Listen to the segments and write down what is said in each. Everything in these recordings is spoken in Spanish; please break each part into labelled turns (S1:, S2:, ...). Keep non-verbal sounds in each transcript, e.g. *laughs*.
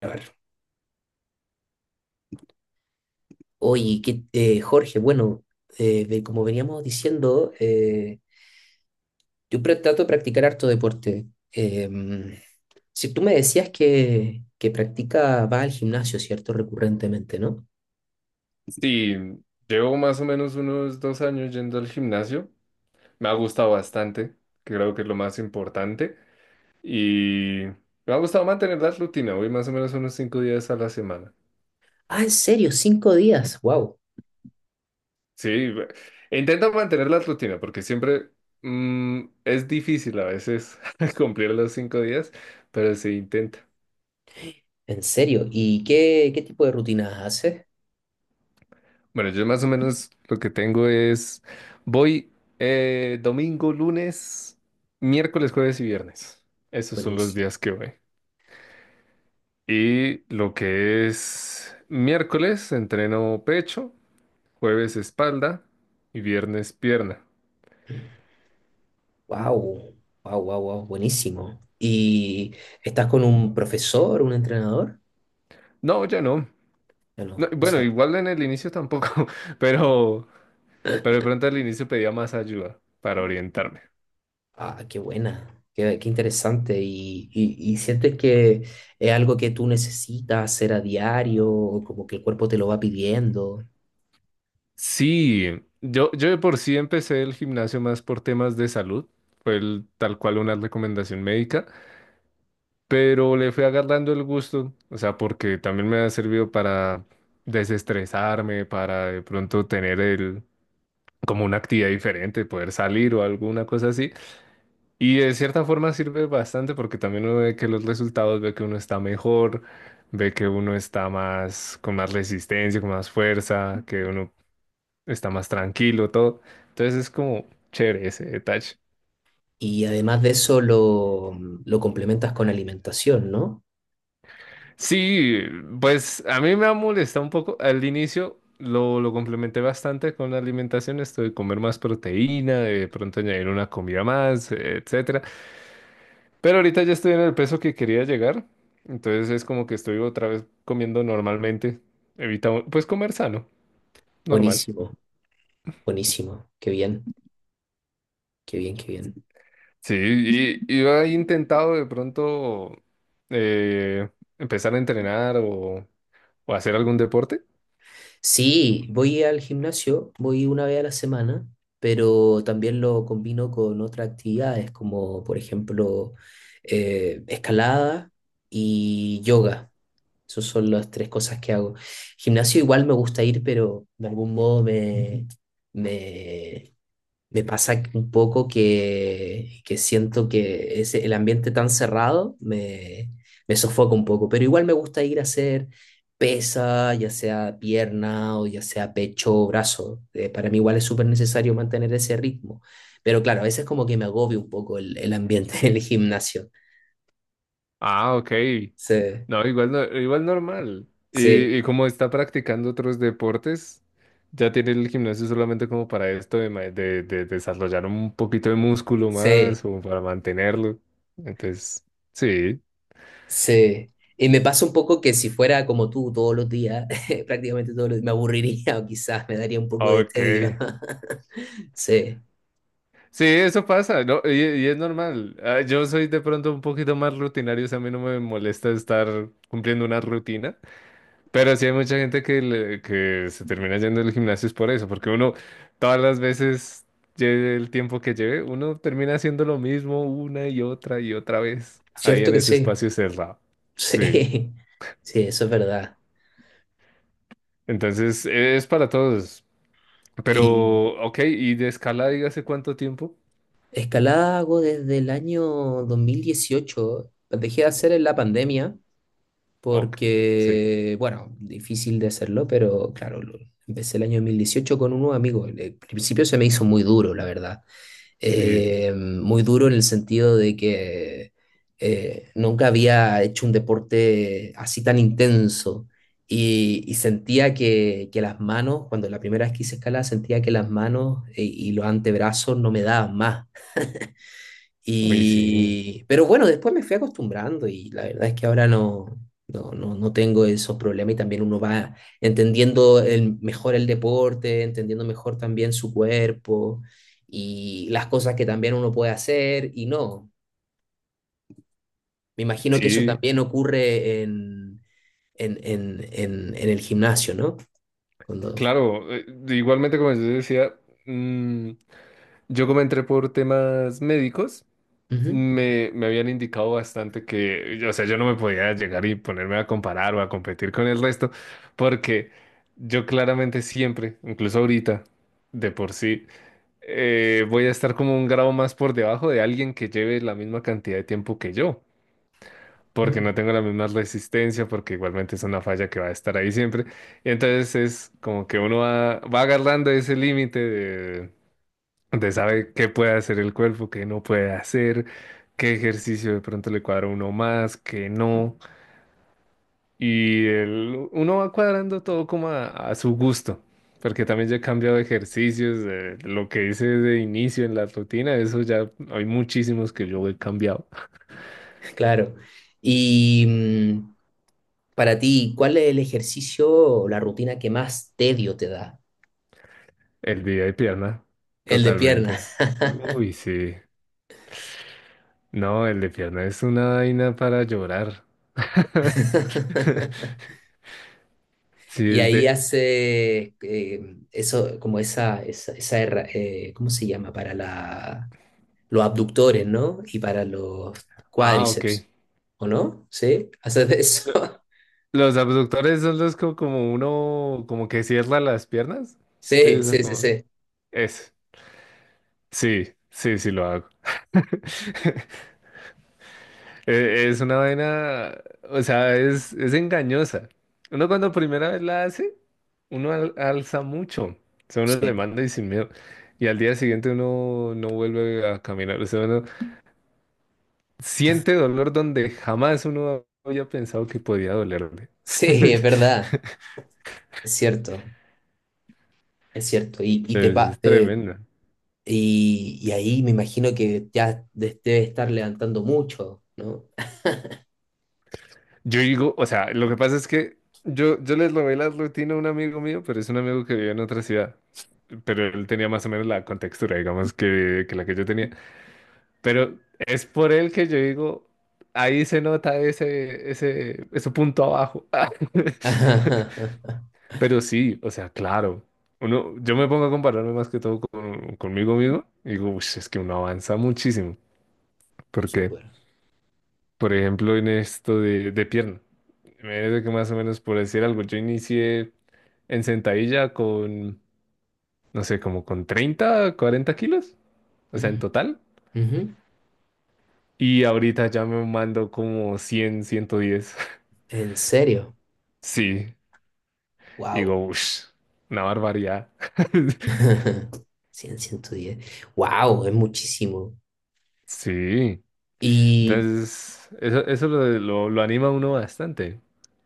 S1: A ver. Oye, Jorge, como veníamos diciendo, yo trato de practicar harto deporte. Si tú me decías que practica, va al gimnasio, ¿cierto? Recurrentemente, ¿no?
S2: Sí, llevo más o menos unos 2 años yendo al gimnasio. Me ha gustado bastante, que creo que es lo más importante. Y me ha gustado mantener la rutina. Voy más o menos unos 5 días a la semana.
S1: Ah, en serio, 5 días, wow,
S2: Sí, intento mantener la rutina porque siempre es difícil a veces *laughs* cumplir los 5 días, pero se intenta.
S1: en serio. ¿Y qué tipo de rutinas haces?
S2: Bueno, yo más o menos lo que tengo es, voy domingo, lunes, miércoles, jueves y viernes. Esos son los
S1: Buenísimo,
S2: días que voy. Y lo que es miércoles, entreno pecho, jueves espalda y viernes pierna.
S1: wow, wow, wow, wow, buenísimo. ¿Y estás con un profesor, un entrenador?
S2: No, ya no.
S1: Ya no.
S2: No, bueno, igual en el inicio tampoco, *laughs* pero, pero de pronto al inicio pedía más ayuda para orientarme.
S1: Ah, qué buena, qué interesante. ¿Y sientes que es algo que tú necesitas hacer a diario, o como que el cuerpo te lo va pidiendo?
S2: Sí, yo de por sí empecé el gimnasio más por temas de salud. Fue tal cual una recomendación médica, pero le fui agarrando el gusto, o sea, porque también me ha servido para desestresarme, para de pronto tener el como una actividad diferente, poder salir o alguna cosa así. Y de cierta forma sirve bastante porque también uno ve que los resultados, ve que uno está mejor, ve que uno está más, con más resistencia, con más fuerza, que uno está más tranquilo, todo. Entonces es como chévere ese detalle.
S1: Y además de eso lo complementas con alimentación, ¿no?
S2: Sí, pues a mí me ha molestado un poco al inicio. Lo complementé bastante con la alimentación, esto de comer más proteína, de pronto añadir una comida más, etc. Pero ahorita ya estoy en el peso que quería llegar, entonces es como que estoy otra vez comiendo normalmente, evitando, pues comer sano, normal.
S1: Buenísimo, buenísimo, qué bien, qué bien, qué bien.
S2: Sí, y, *laughs* y yo he intentado de pronto eh, empezar a entrenar o hacer algún deporte.
S1: Sí, voy al gimnasio, voy una vez a la semana, pero también lo combino con otras actividades, como por ejemplo escalada y yoga. Esas son las tres cosas que hago. Gimnasio igual me gusta ir, pero de algún modo me, me pasa un poco que siento que ese, el ambiente tan cerrado me sofoca un poco, pero igual me gusta ir a hacer pesa, ya sea pierna o ya sea pecho o brazo. Para mí igual es súper necesario mantener ese ritmo, pero claro, a veces como que me agobia un poco el ambiente *laughs* del gimnasio.
S2: Ah, ok.
S1: Sí,
S2: No, igual, igual normal. Y,
S1: sí,
S2: y como está practicando otros deportes, ya tiene el gimnasio solamente como para esto de, de desarrollar un poquito de músculo
S1: sí.
S2: más o para mantenerlo. Entonces, sí,
S1: Sí, y me pasa un poco que si fuera como tú todos los días, *laughs* prácticamente todos los días, me aburriría o quizás me daría un poco de
S2: ok.
S1: tedio. *laughs* Sí,
S2: Sí, eso pasa, ¿no? Y es normal. Ah, yo soy de pronto un poquito más rutinario, o sea, a mí no me molesta estar cumpliendo una rutina. Pero sí hay mucha gente que se termina yendo al gimnasio es por eso, porque uno todas las veces, lleve el tiempo que lleve, uno termina haciendo lo mismo una y otra vez ahí
S1: cierto
S2: en
S1: que
S2: ese
S1: sí,
S2: espacio cerrado.
S1: *laughs*
S2: Sí,
S1: sí, sí, eso es verdad.
S2: entonces es para todos.
S1: Y
S2: Pero, ok, y de escala, dígase cuánto tiempo.
S1: escalada hago desde el año 2018. Dejé de hacer en la pandemia
S2: Ok, sí,
S1: porque, bueno, difícil de hacerlo, pero claro, empecé el año 2018 con unos amigos. Al principio se me hizo muy duro, la verdad.
S2: sí,
S1: Muy duro en el sentido de que nunca había hecho un deporte así tan intenso y sentía que las manos, cuando la primera vez que hice escalada, sentía que las manos y los antebrazos no me daban más.
S2: uy, sí,
S1: Y, pero bueno, después me fui acostumbrando y la verdad es que ahora no tengo esos problemas y también uno va entendiendo el, mejor el deporte, entendiendo mejor también su cuerpo y las cosas que también uno puede hacer y no. Me imagino que eso
S2: sí,
S1: también ocurre en el gimnasio, ¿no? Cuando...
S2: claro. Igualmente, como yo decía, mm, yo como entré por temas médicos.
S1: Ujú,
S2: Me habían indicado bastante que, o sea, yo no me podía llegar y ponerme a comparar o a competir con el resto, porque yo claramente siempre, incluso ahorita, de por sí, voy a estar como un grado más por debajo de alguien que lleve la misma cantidad de tiempo que yo, porque no
S1: mm,
S2: tengo la misma resistencia, porque igualmente es una falla que va a estar ahí siempre. Y entonces es como que uno va, va agarrando ese límite. Usted sabe qué puede hacer el cuerpo, qué no puede hacer, qué ejercicio de pronto le cuadra a uno más, qué no. Y uno va cuadrando todo como a su gusto, porque también ya he cambiado de ejercicios, lo que hice de inicio en la rutina, eso ya hay muchísimos que yo he cambiado.
S1: claro. Y mm, para ti, ¿cuál es el ejercicio o la rutina que más tedio te da?
S2: El día de pierna,
S1: El de
S2: totalmente.
S1: piernas.
S2: Uy, sí. No, el de pierna es una vaina para llorar. *laughs*
S1: *laughs*
S2: Sí,
S1: Y
S2: es
S1: ahí
S2: de...
S1: hace eso, como esa ¿cómo se llama? Para la, los abductores, ¿no? Y para los
S2: Ah, ok.
S1: cuádriceps, ¿o no? ¿Sí? ¿Haces de eso? *laughs*
S2: Los abductores son como, uno, como que cierra las piernas. Sí,
S1: Sí,
S2: eso
S1: sí, sí,
S2: como.
S1: sí.
S2: Es. Sí, sí, sí lo hago. Es, una vaina, o sea, es engañosa. Uno cuando primera vez la hace, uno alza mucho. O sea, uno le
S1: Sí,
S2: manda y sin miedo. Y al día siguiente uno no vuelve a caminar. O sea, uno siente dolor donde jamás uno había pensado que podía dolerle.
S1: sí, es
S2: *laughs*
S1: verdad. Es cierto, es cierto. Y, te pa-
S2: Es
S1: te-
S2: tremendo.
S1: y ahí me imagino que ya debe estar levantando mucho, ¿no?
S2: Yo digo, o sea, lo que pasa es que yo les robé la rutina a un amigo mío, pero es un amigo que vive en otra ciudad. Pero él tenía más o menos la contextura, digamos, que la que yo tenía. Pero es por él que yo digo, ahí se nota ese punto abajo.
S1: *laughs*
S2: *laughs* Pero sí, o sea, claro. Uno, yo me pongo a compararme más que todo conmigo mismo y digo, "Ush, es que uno avanza muchísimo". porque
S1: Súper.
S2: Por ejemplo, en esto de pierna. Imagínate que más o menos por decir algo, yo inicié en sentadilla con, no sé, como con 30 40 kilos, o sea, en total.
S1: Ujú.
S2: Y ahorita ya me mando como 100 110.
S1: ¿En serio?
S2: *laughs* Sí, y digo,
S1: Wow.
S2: uff, una barbaridad. *laughs*
S1: *laughs* 100 110. Wow, es muchísimo.
S2: Sí.
S1: Y
S2: Entonces, eso lo anima a uno bastante,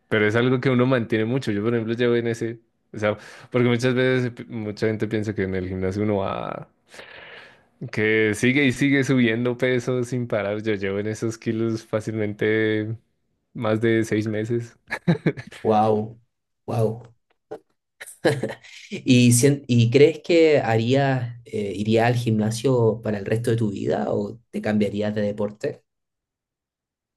S2: pero es algo que uno mantiene mucho. Yo, por ejemplo, llevo en ese, o sea, porque muchas veces mucha gente piensa que en el gimnasio uno va, que sigue y sigue subiendo peso sin parar. Yo llevo en esos kilos fácilmente más de 6 meses. *laughs*
S1: wow, wow. ¿Y crees que harías, irías al gimnasio para el resto de tu vida o te cambiarías de deporte?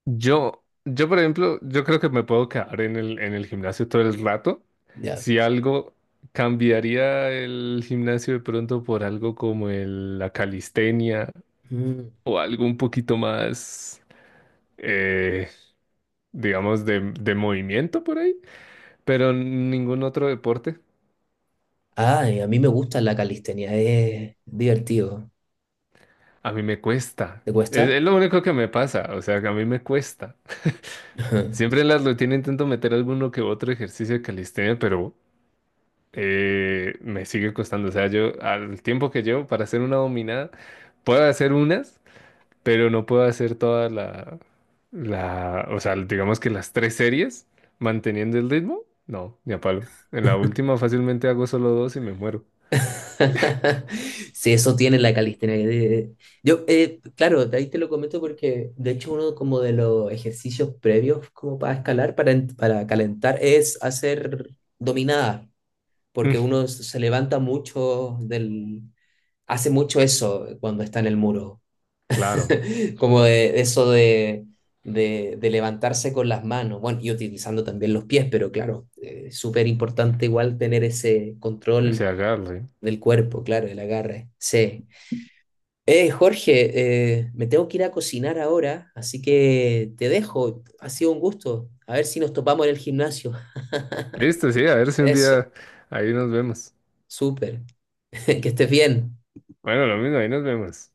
S2: Por ejemplo, yo creo que me puedo quedar en el gimnasio todo el rato.
S1: Ya.
S2: Si algo cambiaría el gimnasio de pronto por algo como la calistenia
S1: Mm.
S2: o algo un poquito más, eh, digamos, de movimiento por ahí, pero ningún otro deporte.
S1: Ay, a mí me gusta la calistenia, es divertido.
S2: A mí me cuesta.
S1: ¿Te
S2: Es,
S1: cuesta?
S2: es lo único que me pasa, o sea, que a mí me cuesta. Siempre
S1: *laughs*
S2: en las rutinas intento meter alguno que otro ejercicio de calistenia, pero... me sigue costando. O sea, yo al tiempo que llevo para hacer una dominada, puedo hacer unas, pero no puedo hacer toda o sea, digamos que las tres series manteniendo el ritmo. No, ni a palo. En la última fácilmente hago solo dos y me muero.
S1: *laughs* Sí, eso tiene la calistenia. Yo, claro, de ahí te lo comento porque de hecho uno como de los ejercicios previos como para escalar, para calentar, es hacer dominada,
S2: Mm,
S1: porque uno se levanta mucho del... hace mucho eso cuando está en el muro,
S2: claro,
S1: *laughs* como de eso de levantarse con las manos, bueno, y utilizando también los pies, pero claro, es súper importante igual tener ese
S2: ese
S1: control
S2: agarre.
S1: del cuerpo, claro, del agarre. Sí. Jorge, me tengo que ir a cocinar ahora, así que te dejo. Ha sido un gusto. A ver si nos topamos en el gimnasio.
S2: Listo, sí, a ver si un
S1: Eso,
S2: día ahí nos vemos.
S1: súper. *laughs* Que estés bien.
S2: Bueno, lo mismo, ahí nos vemos.